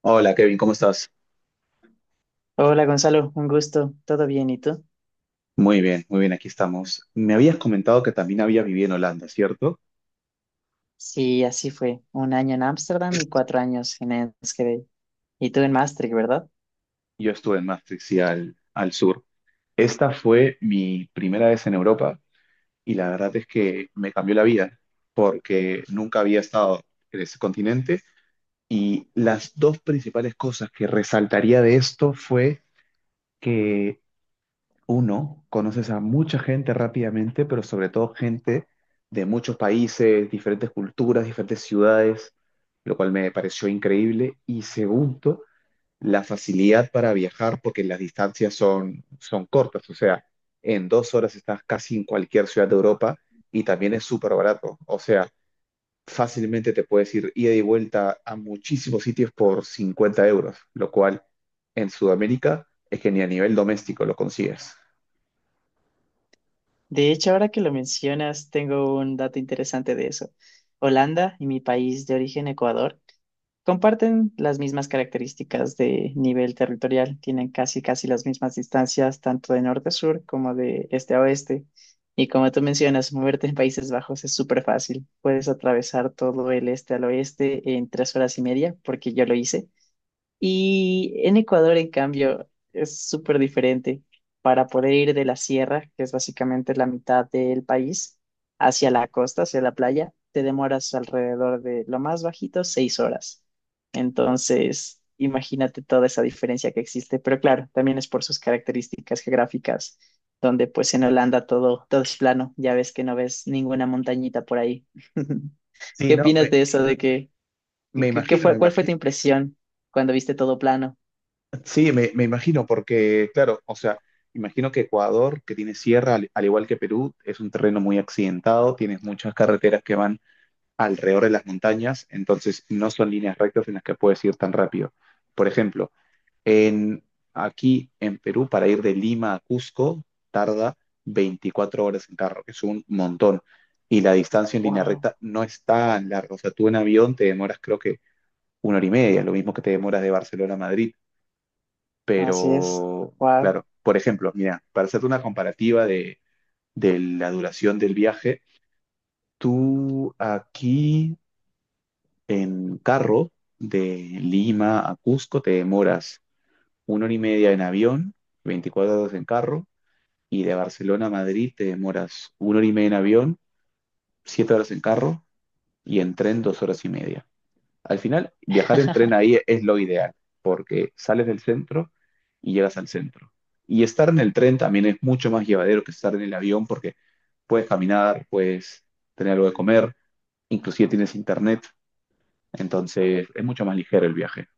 Hola Kevin, ¿cómo estás? Hola Gonzalo, un gusto. ¿Todo bien? ¿Y tú? Muy bien, aquí estamos. Me habías comentado que también había vivido en Holanda, ¿cierto? Sí, así fue. Un año en Ámsterdam y 4 años en Enschede. Y tú en Maastricht, ¿verdad? Yo estuve en Maastricht, sí, al sur. Esta fue mi primera vez en Europa y la verdad es que me cambió la vida porque nunca había estado en ese continente, y las dos principales cosas que resaltaría de esto fue que uno, conoces a mucha gente rápidamente, pero sobre todo gente de muchos países, diferentes culturas, diferentes ciudades, lo cual me pareció increíble. Y segundo, la facilidad para viajar, porque las distancias son cortas, o sea, en 2 horas estás casi en cualquier ciudad de Europa, y también es súper barato, o sea, fácilmente te puedes ir ida y vuelta a muchísimos sitios por 50 euros, lo cual en Sudamérica es que ni a nivel doméstico lo consigues. De hecho, ahora que lo mencionas, tengo un dato interesante de eso. Holanda y mi país de origen, Ecuador, comparten las mismas características de nivel territorial, tienen casi casi las mismas distancias tanto de norte a sur como de este a oeste. Y como tú mencionas, moverte en Países Bajos es súper fácil. Puedes atravesar todo el este al oeste en 3 horas y media, porque yo lo hice. Y en Ecuador, en cambio, es súper diferente. Para poder ir de la sierra, que es básicamente la mitad del país, hacia la costa, hacia la playa, te demoras alrededor de lo más bajito, 6 horas. Entonces, imagínate toda esa diferencia que existe. Pero claro, también es por sus características geográficas, donde pues en Holanda todo es plano. Ya ves que no ves ninguna montañita por ahí. Sí, ¿Qué no, opinas me, de eso? ¿De que, me que- que imagino, me fue, cuál fue tu imagino, impresión cuando viste todo plano? sí, me imagino, porque, claro, o sea, imagino que Ecuador, que tiene sierra, al igual que Perú, es un terreno muy accidentado, tienes muchas carreteras que van alrededor de las montañas, entonces no son líneas rectas en las que puedes ir tan rápido. Por ejemplo, en, aquí en Perú, para ir de Lima a Cusco, tarda 24 horas en carro, que es un montón, y la distancia en línea Wow, recta no es tan larga, o sea, tú en avión te demoras creo que 1 hora y media, lo mismo que te demoras de Barcelona a Madrid. así es. Pero, Wow. claro, por ejemplo, mira, para hacerte una comparativa de la duración del viaje, tú aquí en carro de Lima a Cusco te demoras 1 hora y media en avión, 24 horas en carro, y de Barcelona a Madrid te demoras 1 hora y media en avión, 7 horas en carro, y en tren 2 horas y media. Al final, viajar en tren ahí es lo ideal, porque sales del centro y llegas al centro. Y estar en el tren también es mucho más llevadero que estar en el avión, porque puedes caminar, puedes tener algo de comer, inclusive tienes internet, entonces es mucho más ligero el viaje.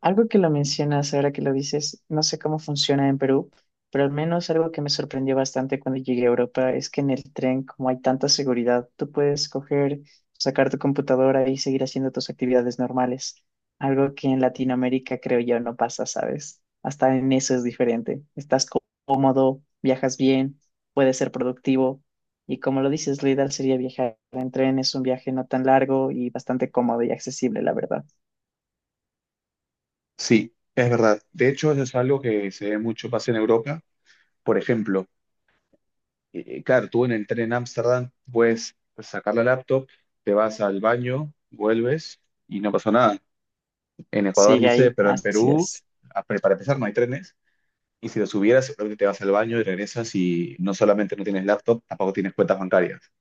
Algo que lo mencionas ahora que lo dices, no sé cómo funciona en Perú, pero al menos algo que me sorprendió bastante cuando llegué a Europa es que en el tren, como hay tanta seguridad, tú puedes coger, sacar tu computadora y seguir haciendo tus actividades normales. Algo que en Latinoamérica creo yo no pasa, ¿sabes? Hasta en eso es diferente. Estás cómodo, viajas bien, puedes ser productivo y como lo dices, lo ideal sería viajar en tren. Es un viaje no tan largo y bastante cómodo y accesible, la verdad. Sí, es verdad. De hecho, eso es algo que se ve mucho pasa en Europa. Por ejemplo, claro, tú en el tren en Ámsterdam puedes sacar la laptop, te vas al baño, vuelves y no pasó nada. En Ecuador Sigue no sé, ahí, pero en así Perú, es. Para empezar, no hay trenes. Y si los hubieras, seguramente te vas al baño y regresas, y no solamente no tienes laptop, tampoco tienes cuentas bancarias.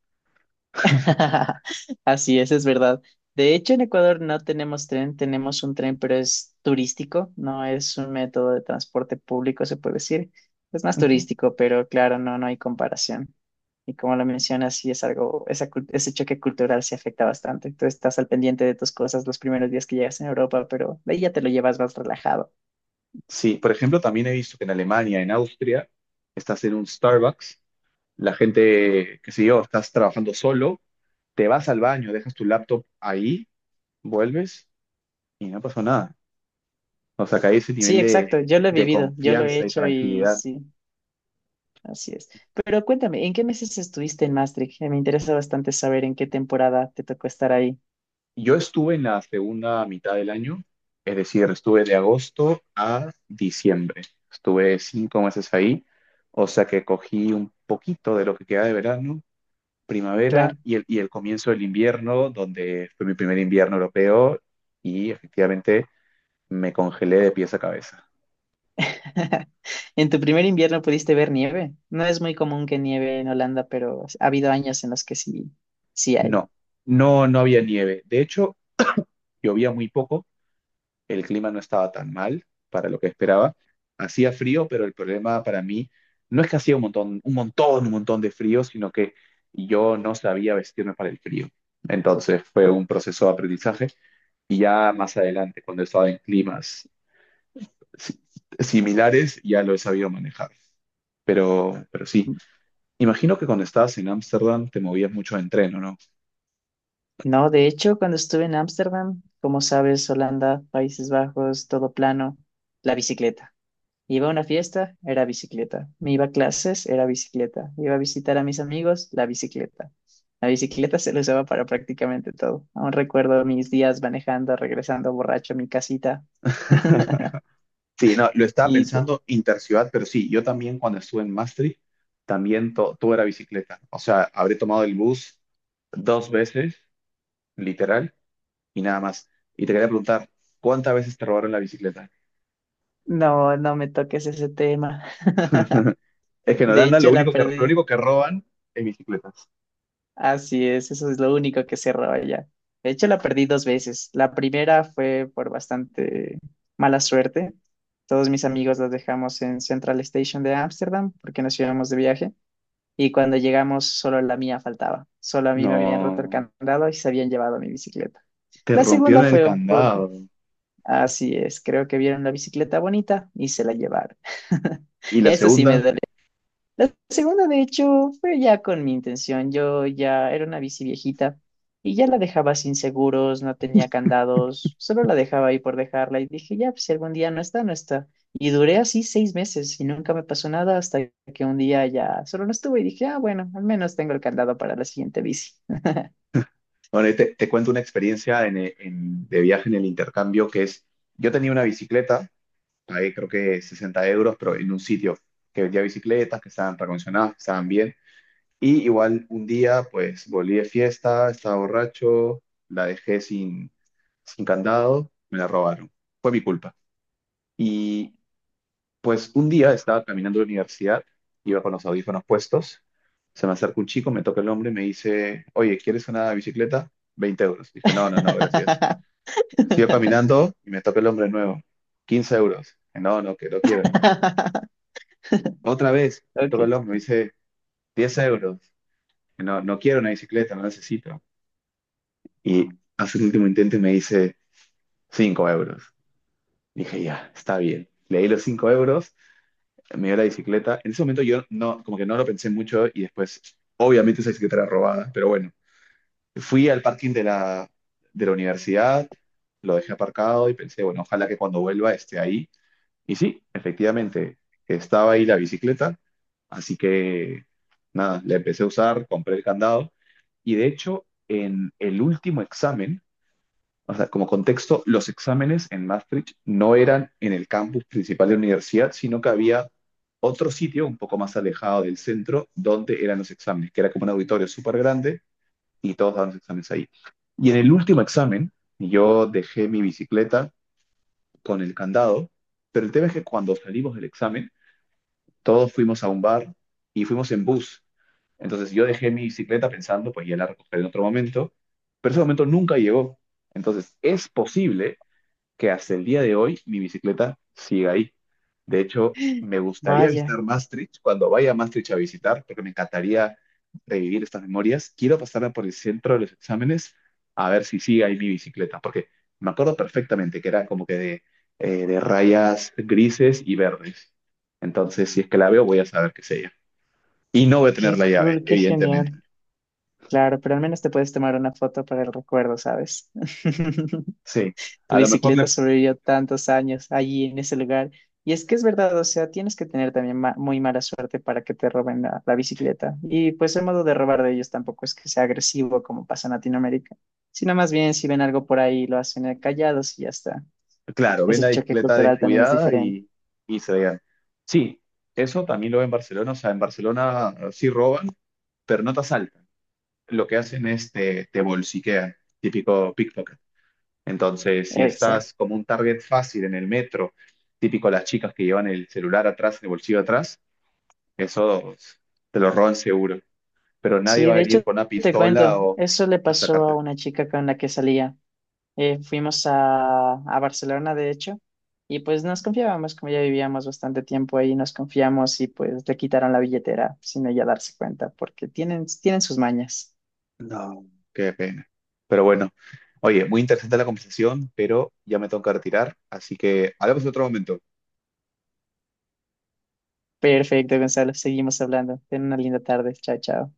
Así es verdad. De hecho, en Ecuador no tenemos tren, tenemos un tren, pero es turístico, no es un método de transporte público, se puede decir. Es más Ujú. turístico, pero claro, no, no hay comparación. Y como lo mencionas, sí es algo, ese choque cultural se afecta bastante. Tú estás al pendiente de tus cosas los primeros días que llegas en Europa, pero de ahí ya te lo llevas más relajado. Sí, por ejemplo, también he visto que en Alemania, en Austria, estás en un Starbucks, la gente, qué sé yo, estás trabajando solo, te vas al baño, dejas tu laptop ahí, vuelves y no pasó nada. O sea, que hay ese Sí, nivel de, exacto, yo lo he de vivido, yo lo he confianza y hecho y tranquilidad. sí. Así es. Pero cuéntame, ¿en qué meses estuviste en Maastricht? Me interesa bastante saber en qué temporada te tocó estar ahí. Yo estuve en la segunda mitad del año, es decir, estuve de agosto a diciembre. Estuve 5 meses ahí, o sea que cogí un poquito de lo que queda de verano, primavera Claro. y el comienzo del invierno, donde fue mi primer invierno europeo y efectivamente me congelé de pies a cabeza. En tu primer invierno pudiste ver nieve. No es muy común que nieve en Holanda, pero ha habido años en los que sí, sí hay. No, no, no había nieve. De hecho, llovía muy poco. El clima no estaba tan mal para lo que esperaba. Hacía frío, pero el problema para mí no es que hacía un montón, un montón, un montón de frío, sino que yo no sabía vestirme para el frío. Entonces fue un proceso de aprendizaje, y ya más adelante, cuando he estado en climas si- similares, ya lo he sabido manejar. Pero sí, imagino que cuando estabas en Ámsterdam te movías mucho de tren, ¿o no? No, de hecho, cuando estuve en Ámsterdam, como sabes, Holanda, Países Bajos, todo plano, la bicicleta. Iba a una fiesta, era bicicleta. Me iba a clases, era bicicleta. Iba a visitar a mis amigos, la bicicleta. La bicicleta se la usaba para prácticamente todo. Aún recuerdo mis días manejando, regresando borracho a mi casita. Sí, no, lo estaba Y pensando interciudad, pero sí, yo también cuando estuve en Maastricht, también todo era bicicleta. O sea, habré tomado el bus dos veces, literal, y nada más. Y te quería preguntar, ¿cuántas veces te robaron la bicicleta? no, no me toques ese tema. Es que en De Holanda lo hecho, la único que, lo único perdí. que roban es bicicletas. Así es, eso es lo único que se roba ya. De hecho, la perdí dos veces. La primera fue por bastante mala suerte. Todos mis amigos los dejamos en Central Station de Ámsterdam porque nos íbamos de viaje y cuando llegamos solo la mía faltaba. Solo a mí me habían roto el No, candado y se habían llevado mi bicicleta. te La segunda rompieron el fue un poco, candado. así es, creo que vieron la bicicleta bonita y se la llevaron. Y la Eso sí me segunda, duele. La segunda, de hecho, fue ya con mi intención. Yo ya era una bici viejita y ya la dejaba sin seguros, no tenía candados, solo la dejaba ahí por dejarla y dije, ya, pues si algún día no está, no está. Y duré así 6 meses y nunca me pasó nada hasta que un día ya solo no estuvo y dije, ah, bueno, al menos tengo el candado para la siguiente bici. bueno, te cuento una experiencia de viaje en el intercambio que es, yo tenía una bicicleta, pagué creo que 60 euros, pero en un sitio que vendía bicicletas, que estaban recondicionadas, que estaban bien. Y igual un día, pues volví de fiesta, estaba borracho, la dejé sin candado, me la robaron. Fue mi culpa. Y pues un día estaba caminando a la universidad, iba con los audífonos puestos, se me acerca un chico, me toca el hombro y me dice, oye, ¿quieres una bicicleta? 20 euros. Dije, no, no, no, gracias. Sigo caminando y me toca el hombre de nuevo. 15 euros. Dije, no, no, que no quiero. Otra vez me toca el Ok. hombro, me dice 10 euros. No, no quiero una bicicleta, no la necesito. Y hace el último intento y me dice 5 euros. Dije, ya, está bien. Le di los 5 euros, me dio la bicicleta. En ese momento yo no, como que no lo pensé mucho, y después, obviamente esa bicicleta era robada, pero bueno, fui al parking de la universidad, lo dejé aparcado y pensé, bueno, ojalá que cuando vuelva esté ahí. Y sí, efectivamente, estaba ahí la bicicleta, así que nada, la empecé a usar, compré el candado, y de hecho en el último examen, o sea, como contexto, los exámenes en Maastricht no eran en el campus principal de la universidad, sino que había otro sitio un poco más alejado del centro donde eran los exámenes, que era como un auditorio súper grande, y todos daban los exámenes ahí. Y en el último examen, yo dejé mi bicicleta con el candado, pero el tema es que cuando salimos del examen, todos fuimos a un bar y fuimos en bus. Entonces yo dejé mi bicicleta pensando, pues ya la recogeré en otro momento, pero ese momento nunca llegó. Entonces es posible que hasta el día de hoy mi bicicleta sigue ahí. De hecho, me gustaría Vaya, visitar Maastricht cuando vaya a Maastricht a visitar, porque me encantaría revivir estas memorias. Quiero pasarla por el centro de los exámenes a ver si sigue ahí mi bicicleta, porque me acuerdo perfectamente que era como que de rayas grises y verdes. Entonces, si es que la veo, voy a saber qué es ella. Y no voy a tener qué la llave, cool, qué evidentemente. genial. Claro, pero al menos te puedes tomar una foto para el recuerdo, ¿sabes? Sí, Tu a lo mejor bicicleta le. sobrevivió tantos años allí en ese lugar. Y es que es verdad, o sea, tienes que tener también muy mala suerte para que te roben la bicicleta. Y pues el modo de robar de ellos tampoco es que sea agresivo como pasa en Latinoamérica, sino más bien si ven algo por ahí lo hacen callados y ya está. Claro, ven Ese la choque bicicleta cultural también es descuidada diferente. y, se vean. Sí, eso también lo ven en Barcelona. O sea, en Barcelona sí roban, pero no te asaltan. Lo que hacen es te bolsiquean, típico pickpocket. Entonces, si Exacto. estás como un target fácil en el metro, típico las chicas que llevan el celular atrás, el bolsillo atrás, eso te lo roban seguro. Pero nadie Sí, va a de venir hecho, con una te cuento, pistola o eso le a pasó sacarte. a una chica con la que salía. Fuimos a Barcelona, de hecho, y pues nos confiábamos, como ya vivíamos bastante tiempo ahí, nos confiamos y pues le quitaron la billetera sin ella darse cuenta, porque tienen, tienen sus mañas. No, qué pena. Pero bueno, oye, muy interesante la conversación, pero ya me tengo que retirar, así que hablamos en otro momento. Perfecto, Gonzalo, seguimos hablando. Ten una linda tarde. Chao, chao.